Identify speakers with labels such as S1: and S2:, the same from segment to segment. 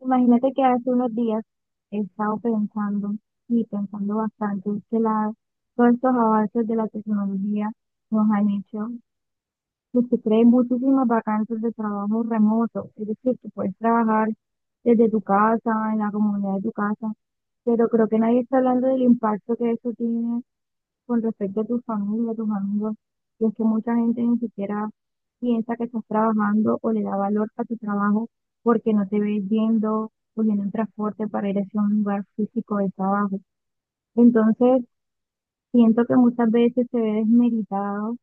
S1: Imagínate que hace unos días he estado pensando y pensando bastante, todos estos avances de la tecnología nos han hecho, pues, que se creen muchísimas vacantes de trabajo remoto. Es decir, que puedes trabajar desde tu casa, en la comunidad de tu casa, pero creo que nadie está hablando del impacto que eso tiene con respecto a tu familia, a tus amigos. Y es que mucha gente ni siquiera piensa que estás trabajando o le da valor a tu trabajo porque no te ves yendo, cogiendo un transporte para ir hacia un lugar físico de trabajo. Entonces, siento que muchas veces se ve desmeritado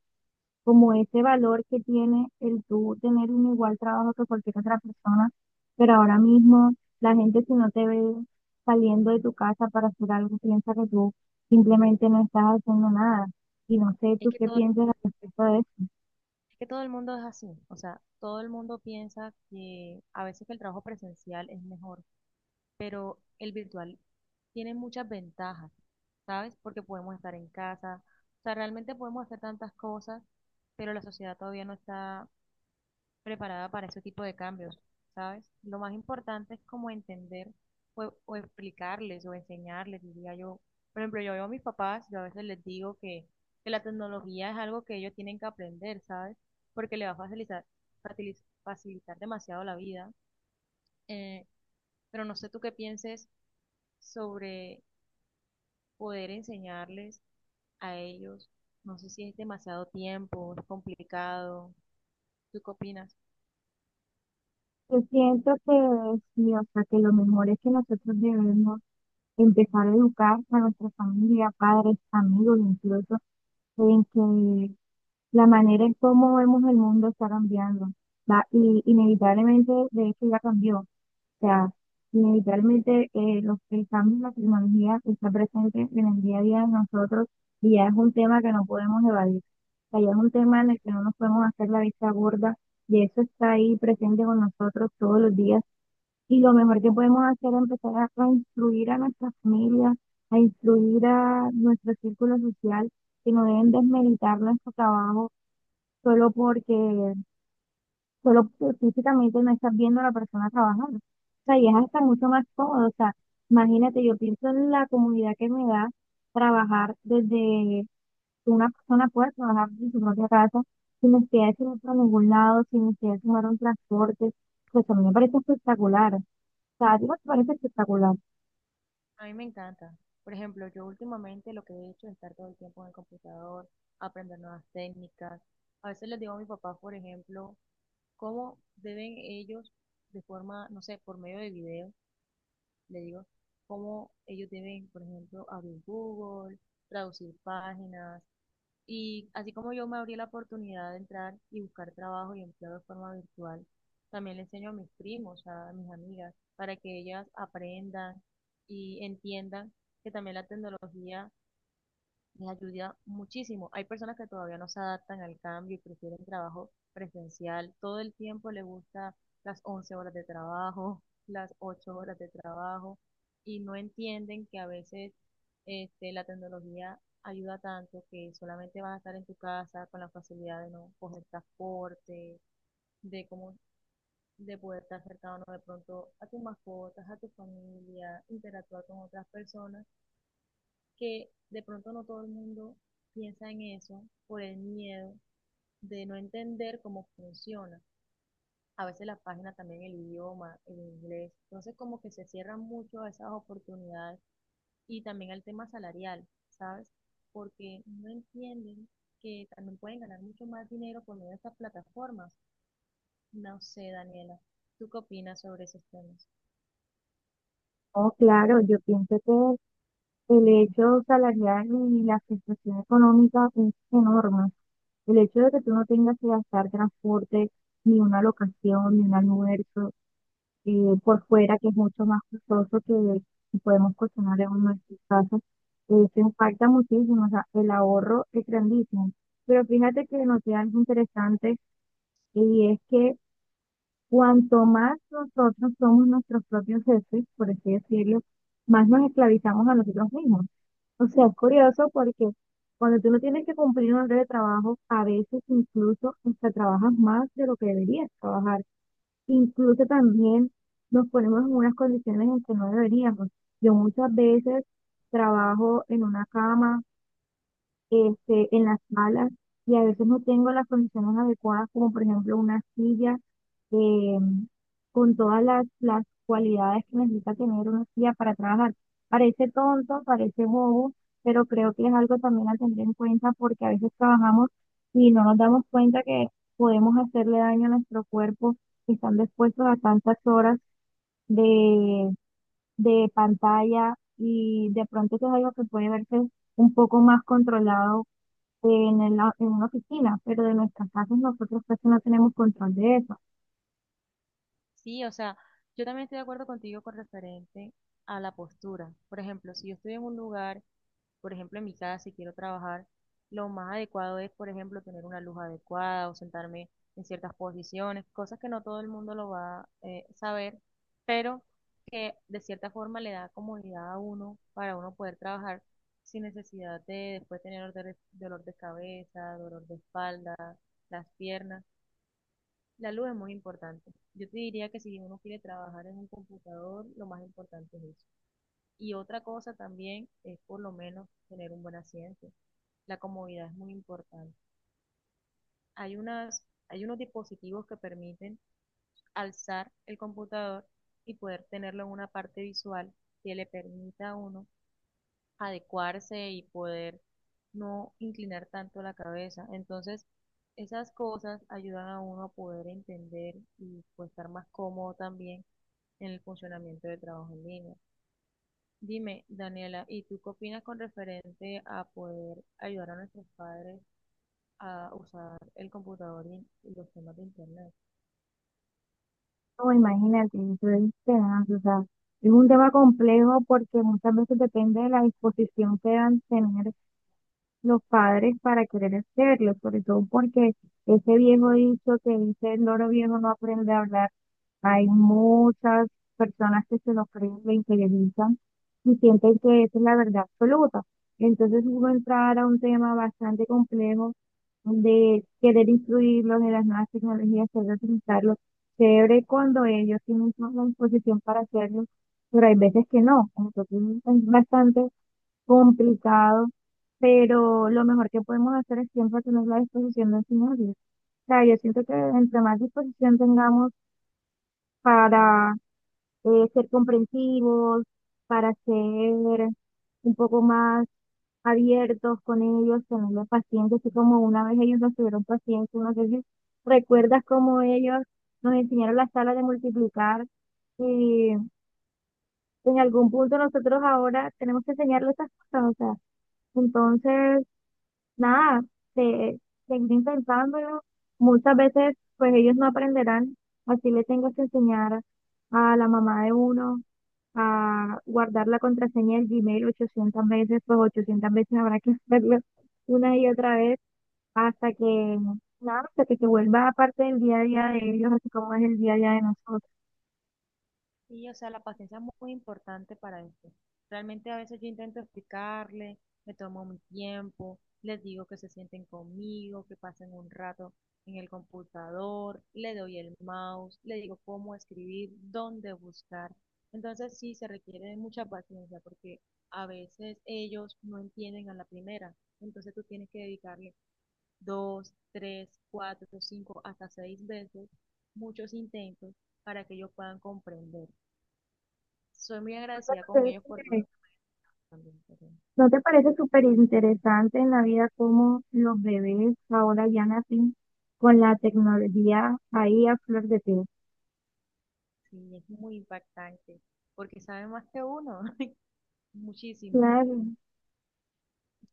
S1: como ese valor que tiene el tú tener un igual trabajo que cualquier otra persona, pero ahora mismo la gente, si no te ve saliendo de tu casa para hacer algo, piensa que tú simplemente no estás haciendo nada. Y no sé
S2: Es
S1: tú
S2: que
S1: qué
S2: todo, es
S1: piensas al respecto de...
S2: que todo el mundo es así, o sea, todo el mundo piensa que a veces que el trabajo presencial es mejor, pero el virtual tiene muchas ventajas, ¿sabes? Porque podemos estar en casa, o sea, realmente podemos hacer tantas cosas, pero la sociedad todavía no está preparada para ese tipo de cambios, ¿sabes? Lo más importante es como entender o explicarles o enseñarles, diría yo. Por ejemplo, yo veo a mis papás, yo a veces les digo que la tecnología es algo que ellos tienen que aprender, ¿sabes? Porque le va a fatili- facilitar demasiado la vida. Eh, pero no sé tú qué pienses sobre poder enseñarles a ellos. No sé si es demasiado tiempo, es complicado. ¿Tú qué opinas?
S1: Yo siento que sí, o sea, que lo mejor es que nosotros debemos empezar a educar a nuestra familia, padres, amigos, incluso, en que la manera en cómo vemos el mundo está cambiando. Va, y inevitablemente, de hecho, ya cambió. O sea, inevitablemente el cambio en la tecnología está presente en el día a día de nosotros y ya es un tema que no podemos evadir. O sea, ya es un tema en el que no nos podemos hacer la vista gorda y eso está ahí presente con nosotros todos los días, y lo mejor que podemos hacer es empezar a influir a nuestra familia, a influir a nuestro círculo social, que no deben desmeritar nuestro trabajo solo porque, solo porque físicamente no estás viendo a la persona trabajando. O sea, y es hasta mucho más cómodo. O sea, imagínate, yo pienso en la comunidad que me da trabajar desde... una persona puede trabajar desde su propia casa, sin necesidad de irse a ningún lado, sin necesidad de tomar un transporte. Pues a mí me parece espectacular. O sea, a ti no te parece espectacular.
S2: A mí me encanta. Por ejemplo, yo últimamente lo que he hecho es estar todo el tiempo en el computador, aprender nuevas técnicas. A veces les digo a mi papá, por ejemplo, cómo deben ellos, de forma, no sé, por medio de video, le digo, cómo ellos deben, por ejemplo, abrir Google, traducir páginas, y así como yo me abrí la oportunidad de entrar y buscar trabajo y empleo de forma virtual, también le enseño a mis primos, a mis amigas, para que ellas aprendan y entiendan que también la tecnología les ayuda muchísimo. Hay personas que todavía no se adaptan al cambio y prefieren trabajo presencial. Todo el tiempo le gusta las 11 horas de trabajo, las 8 horas de trabajo y no entienden que a veces la tecnología ayuda tanto que solamente vas a estar en tu casa con la facilidad de no coger transporte, de cómo de poder estar cercano de pronto a tus mascotas, a tu familia, interactuar con otras personas que de pronto no todo el mundo piensa en eso por el miedo de no entender cómo funciona. A veces la página también el idioma, el inglés. Entonces como que se cierran mucho a esas oportunidades y también al tema salarial, ¿sabes? Porque no entienden que también pueden ganar mucho más dinero por medio de estas plataformas. No sé, Daniela, ¿tú qué opinas sobre esos temas?
S1: No, claro, yo pienso que el hecho salarial y la situación económica es enorme. El hecho de que tú no tengas que gastar transporte, ni una locación, ni un almuerzo por fuera, que es mucho más costoso, que podemos cocinar en nuestras casas, se impacta muchísimo. O sea, el ahorro es grandísimo. Pero fíjate que noté algo interesante, y es que cuanto más nosotros somos nuestros propios jefes, por así decirlo, más nos esclavizamos a nosotros mismos. O sea, es curioso porque cuando tú no tienes que cumplir un horario de trabajo, a veces incluso hasta trabajas más de lo que deberías trabajar. Incluso también nos ponemos en unas condiciones en que no deberíamos. Yo muchas veces trabajo en una cama, en las salas, y a veces no tengo las condiciones adecuadas, como por ejemplo una silla, em, con todas las cualidades que necesita tener una guía para trabajar. Parece tonto, parece bobo, pero creo que es algo también a tener en cuenta, porque a veces trabajamos y no nos damos cuenta que podemos hacerle daño a nuestro cuerpo, que están expuestos a tantas horas de, de pantalla, y de pronto eso es algo que puede verse un poco más controlado en una oficina, pero de nuestras casas nosotros casi no tenemos control de eso.
S2: Sí, o sea, yo también estoy de acuerdo contigo con referente a la postura. Por ejemplo, si yo estoy en un lugar por ejemplo, en mi casa, si quiero trabajar, lo más adecuado es, por ejemplo, tener una luz adecuada o sentarme en ciertas posiciones, cosas que no todo el mundo lo va a saber, pero que de cierta forma le da comodidad a uno para uno poder trabajar sin necesidad de después tener dolor de cabeza, dolor de espalda, las piernas. La luz es muy importante. Yo te diría que si uno quiere trabajar en un computador, lo más importante es eso. Y otra cosa también es por lo menos tener un buen asiento. La comodidad es muy importante. Hay unas, hay unos dispositivos que permiten alzar el computador y poder tenerlo en una parte visual que le permita a uno adecuarse y poder no inclinar tanto la cabeza. Entonces, esas cosas ayudan a uno a poder entender y pues, estar más cómodo también en el funcionamiento del trabajo en línea. Dime, Daniela, ¿y tú qué opinas con referente a poder ayudar a nuestros padres a usar el computador y los temas de internet?
S1: No, imagínate, eso es tenaz, o sea, es un tema complejo porque muchas veces depende de la disposición que dan tener los padres para querer hacerlo, sobre todo porque ese viejo dicho que dice el loro viejo no aprende a hablar, hay muchas personas que se lo creen, lo interiorizan y sienten que esa es la verdad absoluta. Entonces uno entrar a un tema bastante complejo de querer incluirlos en las nuevas tecnologías, querer utilizarlos. Chévere cuando ellos tienen toda la disposición para hacerlo, pero hay veces que no. Entonces es bastante complicado, pero lo mejor que podemos hacer es siempre tener la disposición de enseñarles. O sea, yo siento que entre más disposición tengamos para ser comprensivos, para ser un poco más abiertos con ellos, tenerles paciencia, así como una vez ellos nos tuvieron paciencia. No sé si recuerdas cómo ellos nos enseñaron la sala de multiplicar, y en algún punto nosotros ahora tenemos que enseñarles esas cosas. O sea, entonces, nada, se, seguir intentándolo. Muchas veces pues ellos no aprenderán, así le tengo que enseñar a la mamá de uno a guardar la contraseña del Gmail 800 veces, pues 800 veces habrá que hacerlo, una y otra vez, hasta que, nada, hasta que se vuelva parte del día a día de ellos, así como es el día a día de nosotros.
S2: Y, o sea, la paciencia es muy importante para esto. Realmente a veces yo intento explicarle, me tomo mi tiempo, les digo que se sienten conmigo, que pasen un rato en el computador, le doy el mouse, le digo cómo escribir, dónde buscar. Entonces sí se requiere de mucha paciencia porque a veces ellos no entienden a la primera. Entonces tú tienes que dedicarle dos, tres, cuatro, cinco, hasta seis veces, muchos intentos para que ellos puedan comprender. Soy muy agradecida con
S1: Entonces,
S2: ellos por todo lo
S1: eh,
S2: que me han dado también, pero
S1: ¿no te parece súper interesante en la vida cómo los bebés ahora ya nacen con la tecnología ahí a flor de piel?
S2: sí, es muy impactante porque saben más que uno, muchísimo.
S1: Claro, ¿no?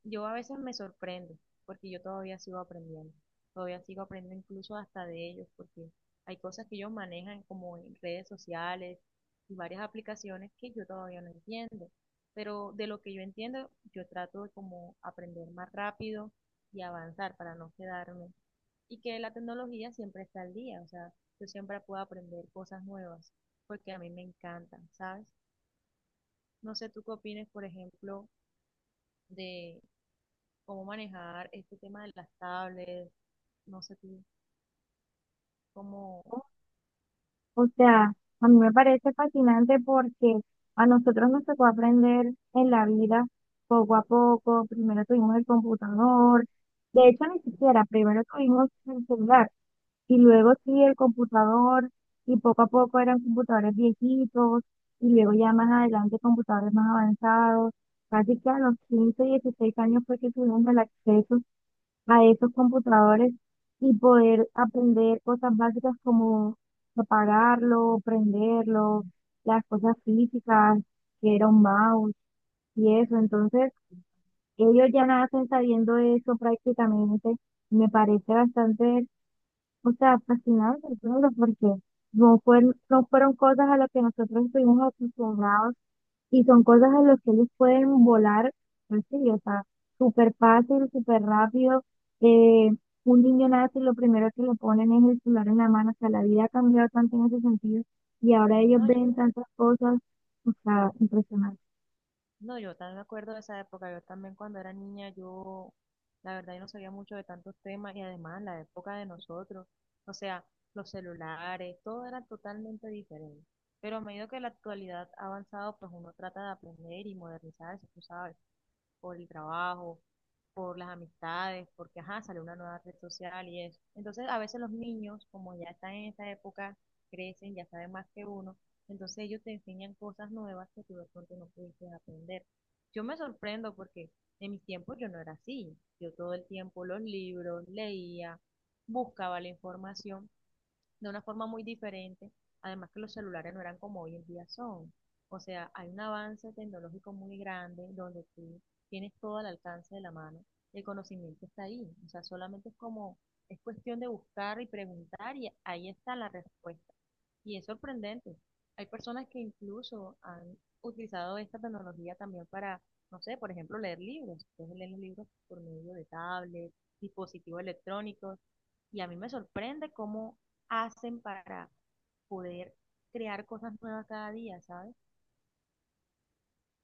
S2: Yo a veces me sorprendo, porque yo todavía sigo aprendiendo incluso hasta de ellos, porque hay cosas que ellos manejan como en redes sociales y varias aplicaciones que yo todavía no entiendo, pero de lo que yo entiendo, yo trato de como aprender más rápido y avanzar para no quedarme, y que la tecnología siempre está al día, o sea, yo siempre puedo aprender cosas nuevas, porque a mí me encantan, ¿sabes? No sé tú qué opinas, por ejemplo, de cómo manejar este tema de las tablets, no sé tú, cómo,
S1: O sea, a mí me parece fascinante porque a nosotros nos tocó aprender en la vida poco a poco. Primero tuvimos el computador, de hecho, ni siquiera, primero tuvimos el celular, y luego sí, el computador, y poco a poco eran computadores viejitos, y luego ya más adelante computadores más avanzados. Casi que a los 15, 16 años fue que tuvimos el acceso a esos computadores, y poder aprender cosas básicas como apagarlo, prenderlo, las cosas físicas, que era un mouse y eso. Entonces, ellos ya nacen sabiendo eso prácticamente. Me parece bastante, o sea, fascinante, claro, porque no fueron cosas a las que nosotros estuvimos acostumbrados, y son cosas a las que ellos pueden volar, pues sí, o sea, súper fácil, súper rápido. Eh, un niño nace y lo primero que le ponen es el celular en la mano. O sea, la vida ha cambiado tanto en ese sentido, y ahora ellos
S2: no yo,
S1: ven tantas cosas, o sea, impresionante.
S2: no, yo también me acuerdo de esa época, yo también cuando era niña, yo, la verdad, yo no sabía mucho de tantos temas y además la época de nosotros, o sea, los celulares, todo era totalmente diferente. Pero a medida que la actualidad ha avanzado, pues uno trata de aprender y modernizarse, tú sabes. Por el trabajo, por las amistades, porque, ajá, sale una nueva red social y eso. Entonces, a veces los niños, como ya están en esa época, crecen, ya saben más que uno, entonces ellos te enseñan cosas nuevas que tú de pronto no pudiste aprender. Yo me sorprendo porque en mis tiempos yo no era así. Yo todo el tiempo los libros, leía, buscaba la información, de una forma muy diferente. Además que los celulares no eran como hoy en día son. O sea, hay un avance tecnológico muy grande donde tú tienes todo al alcance de la mano y el conocimiento está ahí. O sea, solamente es como, es cuestión de buscar y preguntar y ahí está la respuesta. Y es sorprendente. Hay personas que incluso han utilizado esta tecnología también para, no sé, por ejemplo, leer libros. Entonces leen los libros por medio de tablets, dispositivos electrónicos y a mí me sorprende cómo hacen para poder crear cosas nuevas cada día, ¿sabes?